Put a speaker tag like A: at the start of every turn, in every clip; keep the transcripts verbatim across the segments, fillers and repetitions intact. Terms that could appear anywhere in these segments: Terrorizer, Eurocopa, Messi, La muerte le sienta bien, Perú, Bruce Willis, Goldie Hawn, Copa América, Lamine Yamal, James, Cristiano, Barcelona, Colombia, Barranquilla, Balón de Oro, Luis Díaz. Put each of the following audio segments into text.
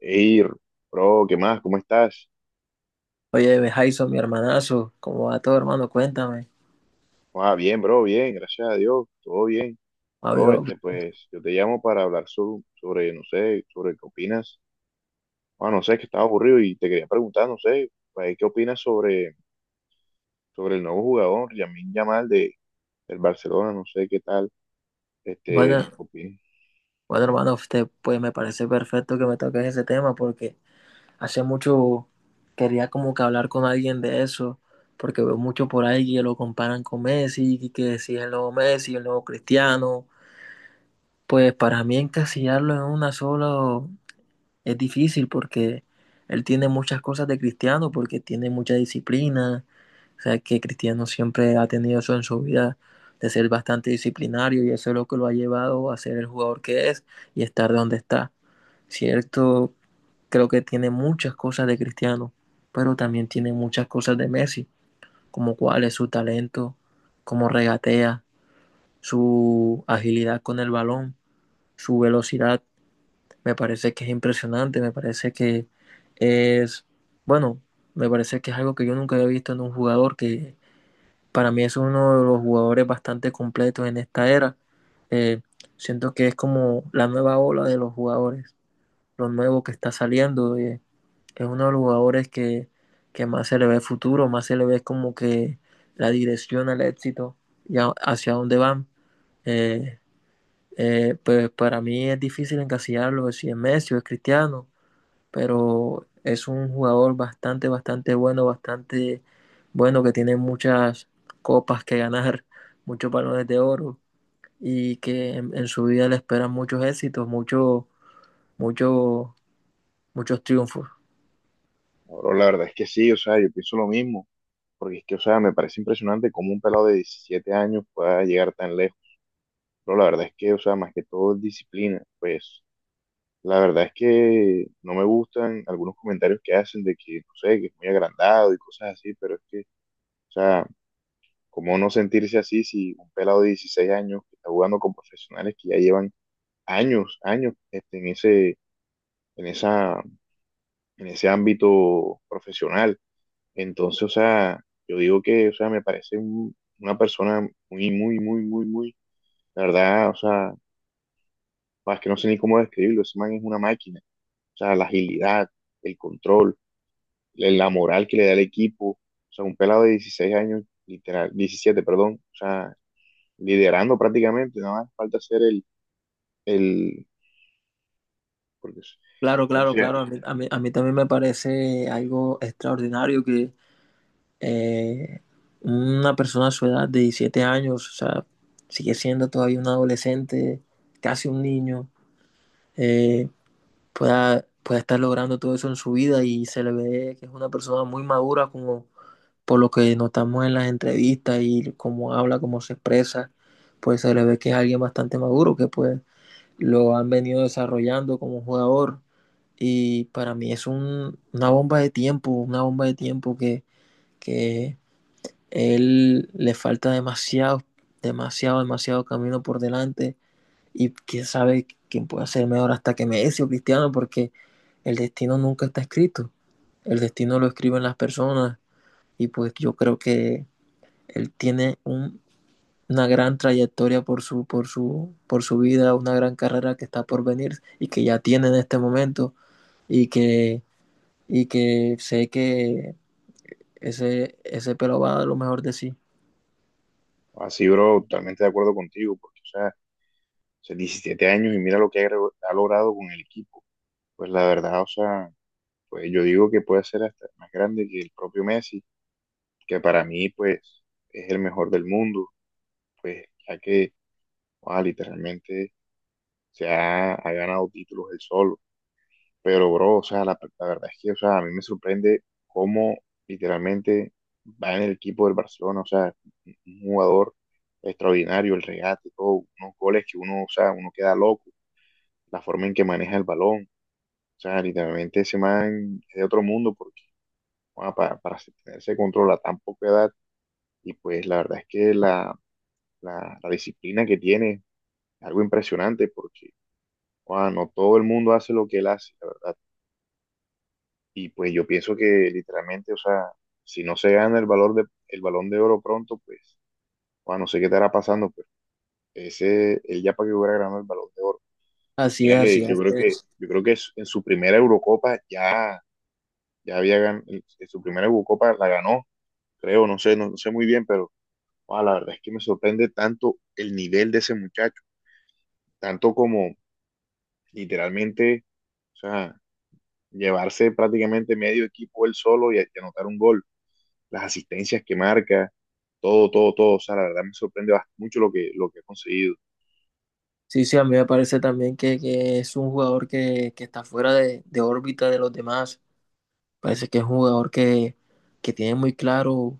A: Ey, bro, ¿qué más? ¿Cómo estás?
B: Oye, Jason, mi hermanazo, ¿cómo va todo, hermano? Cuéntame.
A: Ah, bien, bro, bien, gracias a Dios, todo bien. Bro,
B: Amigo,
A: este, pues, yo te llamo para hablar so- sobre, no sé, sobre qué opinas. Ah, no sé, que estaba aburrido y te quería preguntar, no sé, pues, ¿qué opinas sobre, sobre el nuevo jugador, Lamine Yamal, de, del Barcelona? No sé qué tal,
B: Bueno,
A: este, opinas.
B: bueno, hermano, usted, pues me parece perfecto que me toques ese tema porque hace mucho quería como que hablar con alguien de eso, porque veo mucho por ahí que lo comparan con Messi, y que si es el nuevo Messi, el nuevo Cristiano, pues para mí encasillarlo en una sola, es difícil porque él tiene muchas cosas de cristiano, porque tiene mucha disciplina. O sea, que Cristiano siempre ha tenido eso en su vida, de ser bastante disciplinario, y eso es lo que lo ha llevado a ser el jugador que es y estar donde está. Cierto, creo que tiene muchas cosas de Cristiano, pero también tiene muchas cosas de Messi, como cuál es su talento, cómo regatea, su agilidad con el balón, su velocidad me parece que es impresionante, me parece que es, bueno, me parece que es algo que yo nunca había visto en un jugador, que para mí es uno de los jugadores bastante completos en esta era. Eh, Siento que es como la nueva ola de los jugadores, lo nuevo que está saliendo. Eh, es uno de los jugadores que, que más se le ve futuro, más se le ve como que la dirección al éxito y a- hacia dónde van. Eh, eh, pues para mí es difícil encasillarlo si es Messi o es Cristiano, pero es un jugador bastante, bastante bueno, bastante bueno que tiene muchas copas que ganar, muchos balones de oro y que en, en su vida le esperan muchos éxitos, muchos, muchos, muchos triunfos.
A: No, bro, la verdad es que sí, o sea, yo pienso lo mismo, porque es que, o sea, me parece impresionante cómo un pelado de diecisiete años pueda llegar tan lejos. Pero la verdad es que, o sea, más que todo es disciplina, pues. La verdad es que no me gustan algunos comentarios que hacen de que, no sé, que es muy agrandado y cosas así, pero es que, o sea, ¿cómo no sentirse así si un pelado de dieciséis años que está jugando con profesionales que ya llevan años, años este, en ese, en esa, en ese ámbito profesional? Entonces, o sea, yo digo que, o sea, me parece un- una persona muy, muy, muy, muy, muy, la verdad, o sea, más que no sé ni cómo describirlo, ese man es una máquina, o sea, la agilidad, el control, la moral que le da el equipo. O sea, un pelado de dieciséis años, literal, diecisiete perdón, o sea, liderando prácticamente, nada más falta ser el, el, porque,
B: Claro,
A: o
B: claro,
A: sea,
B: claro. A mí, a mí, a mí también me parece algo extraordinario que eh, una persona a su edad de diecisiete años, o sea, sigue siendo todavía un adolescente, casi un niño, eh, pueda, pueda estar logrando todo eso en su vida y se le ve que es una persona muy madura como por lo que notamos en las entrevistas y cómo habla, cómo se expresa, pues se le ve que es alguien bastante maduro, que pues lo han venido desarrollando como jugador y para mí es un, una bomba de tiempo, una bomba de tiempo que, que él le falta demasiado, demasiado, demasiado camino por delante y quién sabe quién puede ser mejor hasta que Messi o Cristiano, porque el destino nunca está escrito. El destino lo escriben las personas y pues yo creo que él tiene un, una gran trayectoria por su, por, su, por su vida, una gran carrera que está por venir y que ya tiene en este momento y que, y que sé que ese, ese pelo va a dar lo mejor de sí.
A: así, bro, totalmente de acuerdo contigo, porque, o sea, o sea, diecisiete años y mira lo que ha, gre- ha logrado con el equipo. Pues la verdad, o sea, pues yo digo que puede ser hasta más grande que el propio Messi, que para mí, pues, es el mejor del mundo, pues, ya que, ah, literalmente se ha, ha ganado títulos él solo. Pero, bro, o sea, la, la verdad es que, o sea, a mí me sorprende cómo literalmente va en el equipo del Barcelona, o sea, un jugador extraordinario, el regate, todo, unos goles que uno, o sea, uno queda loco, la forma en que maneja el balón, o sea, literalmente ese man es de otro mundo porque, bueno, para, para tener ese control a tan poca edad, y pues la verdad es que la, la, la disciplina que tiene es algo impresionante porque, bueno, no todo el mundo hace lo que él hace, la verdad. Y pues yo pienso que literalmente, o sea, si no se gana el valor de, el Balón de Oro pronto, pues, bueno, no sé qué estará pasando, pero ese, él ya para que hubiera ganado el Balón de Oro.
B: Así
A: Mira
B: es, así
A: que yo creo que,
B: es.
A: yo creo que es- en su primera Eurocopa ya, ya, había ganado, en su primera Eurocopa la ganó, creo, no sé, no, no sé muy bien, pero ah, la verdad es que me sorprende tanto el nivel de ese muchacho, tanto como literalmente, o sea, llevarse prácticamente medio equipo él solo y, y anotar un gol, las asistencias que marca, todo, todo, todo. O sea, la verdad me sorprende bast- mucho lo que, lo que ha conseguido.
B: Sí, sí, a mí me parece también que, que es un jugador que, que está fuera de, de órbita de los demás. Parece que es un jugador que, que tiene muy claro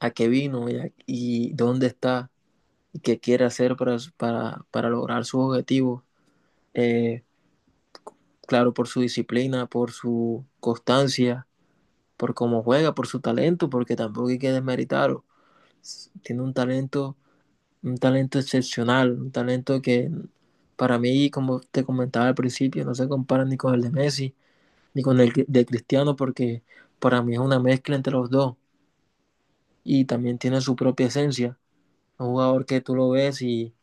B: a qué vino y, a- y dónde está y qué quiere hacer para, su- para, para lograr sus objetivos. Eh, claro, por su disciplina, por su constancia, por cómo juega, por su talento, porque tampoco hay que desmeritarlo. S- Tiene un talento un talento excepcional, un talento que para mí, como te comentaba al principio, no se compara ni con el de Messi ni con el de Cristiano, porque para mí es una mezcla entre los dos y también tiene su propia esencia. Un jugador que tú lo ves y,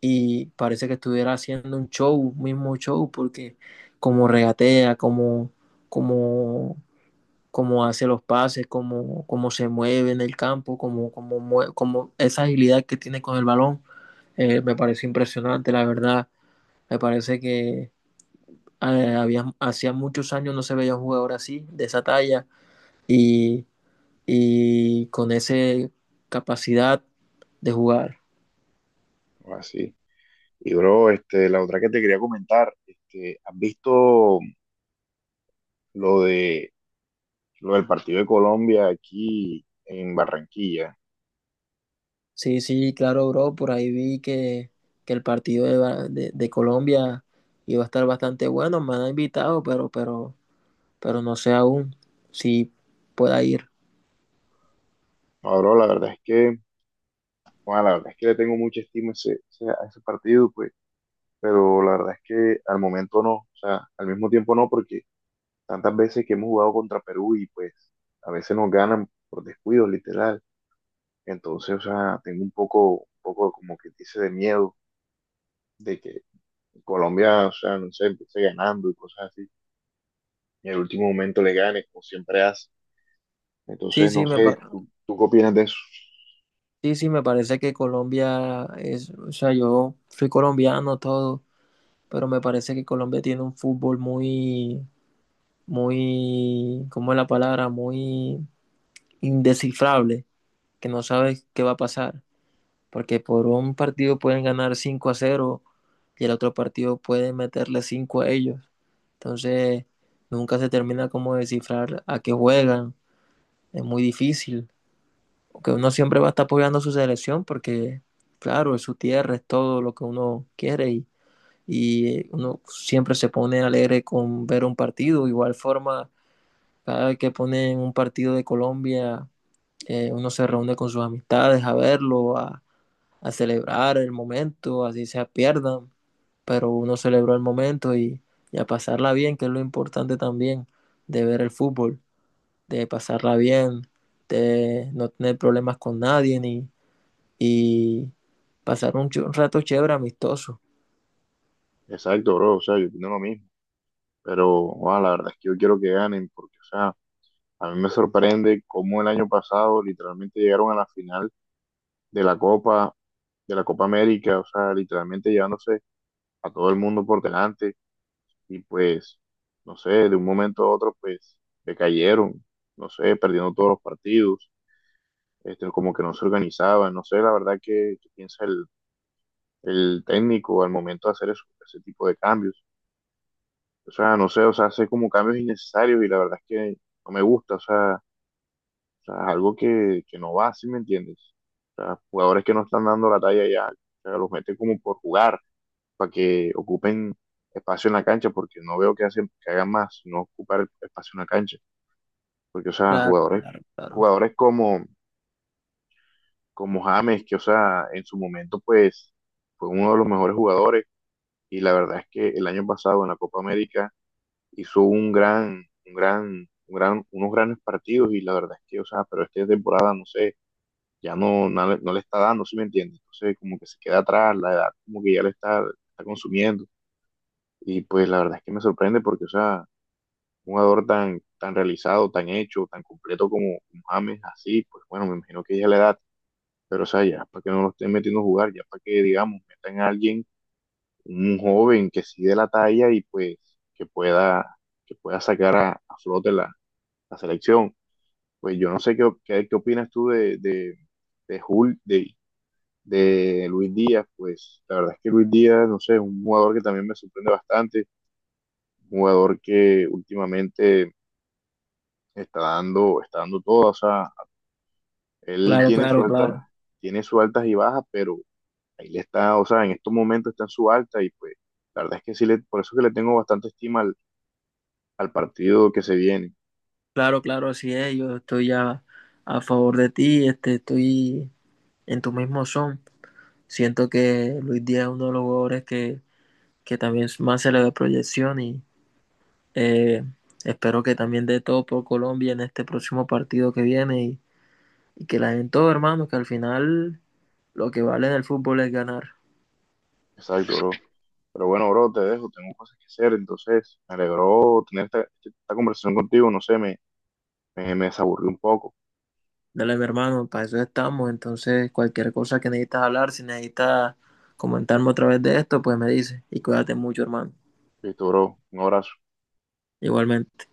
B: y parece que estuviera haciendo un show, mismo show, porque como regatea, como, como cómo hace los pases, cómo, cómo se mueve en el campo, cómo, cómo, mue- cómo esa agilidad que tiene con el balón, eh, me pareció impresionante, la verdad. Me parece que eh, había, hacía muchos años no se veía un jugador así, de esa talla, y, y con esa capacidad de jugar.
A: Así. Y bro, este, la otra que te quería comentar, este, ¿has visto lo de lo del partido de Colombia aquí en Barranquilla?
B: Sí, sí, claro, bro, por ahí vi que, que el partido de, Ba- de- de Colombia iba a estar bastante bueno, me han invitado, pero, pero pero no sé aún si pueda ir.
A: No, bro, la verdad es que, bueno, la verdad es que le tengo mucha estima a ese, ese- a ese partido, pues, pero la verdad es que al momento no, o sea, al mismo tiempo no, porque tantas veces que hemos jugado contra Perú y pues a veces nos ganan por descuido, literal. Entonces, o sea, tengo un poco, un poco como que dice de miedo de que Colombia, o sea, no sé, empiece ganando y cosas así, y en el último momento le gane, como siempre hace.
B: Sí,
A: Entonces, no
B: sí, me,
A: sé,
B: pa-
A: ¿tú, tú qué opinas de eso?
B: sí, sí, me parece que Colombia es, o sea, yo soy colombiano todo, pero me parece que Colombia tiene un fútbol muy, muy, ¿cómo es la palabra? Muy indescifrable, que no sabes qué va a pasar, porque por un partido pueden ganar cinco a cero y el otro partido puede meterle cinco a ellos. Entonces, nunca se termina como de descifrar a qué juegan, es muy difícil. Que uno siempre va a estar apoyando a su selección porque, claro, es su tierra, es todo lo que uno quiere y, y uno siempre se pone alegre con ver un partido. Igual forma, cada vez que ponen un partido de Colombia, eh, uno se reúne con sus amistades a verlo, a, a celebrar el momento, así se pierdan, pero uno celebró el momento y, y a pasarla bien, que es lo importante también de ver el fútbol, de pasarla bien, de no tener problemas con nadie ni y pasar un, ch- un rato chévere, amistoso.
A: Exacto, bro, o sea, yo opino lo mismo, pero wow, la verdad es que yo quiero que ganen, porque, o sea, a mí me sorprende cómo el año pasado literalmente llegaron a la final de la Copa, de la Copa América, o sea, literalmente llevándose a todo el mundo por delante y pues, no sé, de un momento a otro, pues, decayeron, no sé, perdiendo todos los partidos, este, como que no se organizaban, no sé, la verdad que, piensa el, el técnico al momento de hacer eso, ese tipo de cambios. O sea, no sé, o sea, hace como cambios innecesarios y la verdad es que no me gusta, o sea, o sea, es algo que, que no va, ¿sí me entiendes? O sea, jugadores que no están dando la talla ya, o sea, los meten como por jugar, para que ocupen espacio en la cancha, porque no veo que hacen, que hagan más, no ocupar espacio en la cancha. Porque, o sea,
B: Claro,
A: jugadores,
B: claro, claro.
A: jugadores como, como, James, que, o sea, en su momento, pues, fue uno de los mejores jugadores. Y la verdad es que el año pasado en la Copa América hizo un gran, un gran, un gran, unos grandes partidos. Y la verdad es que, o sea, pero esta temporada, no sé, ya no, no, le no le está dando, ¿sí me entiendes? Entonces, como que se queda atrás, la edad como que ya le está, está consumiendo. Y pues la verdad es que me sorprende porque, o sea, un jugador tan, tan realizado, tan hecho, tan completo como como James, así, pues bueno, me imagino que ya es la edad. Pero, o sea, ya para que no lo estén metiendo a jugar, ya para que, digamos, metan a alguien, un joven que sí de la talla y pues que pueda, que pueda sacar a, a flote la, la selección. Pues yo no sé qué, qué, qué opinas tú de, de, de, Jul- de, de Luis Díaz. Pues la verdad es que Luis Díaz, no sé, es un jugador que también me sorprende bastante, un jugador que últimamente está dando, está dando todo. O sea, él
B: Claro,
A: tiene sus
B: claro,
A: altas,
B: claro.
A: tiene sus altas y bajas, pero ahí le está, o sea, en estos momentos está en su alta y pues la verdad es que sí, le, por eso es que le tengo bastante estima al, al partido que se viene.
B: Claro, claro, así es. Yo estoy a, a favor de ti, este, estoy en tu mismo son. Siento que Luis Díaz es uno de los jugadores que, que también más se le ve proyección y eh, espero que también dé todo por Colombia en este próximo partido que viene y, y que la den todo, hermano, que al final lo que vale en el fútbol es ganar.
A: Exacto, bro. Pero bueno, bro, te dejo, tengo cosas que hacer, entonces me alegró tener esta, esta conversación contigo, no sé, me, me, me desaburrí un poco.
B: Dale, mi hermano, para eso estamos. Entonces, cualquier cosa que necesitas hablar, si necesitas comentarme otra vez de esto, pues me dices. Y cuídate mucho, hermano.
A: Listo, bro, un abrazo.
B: Igualmente.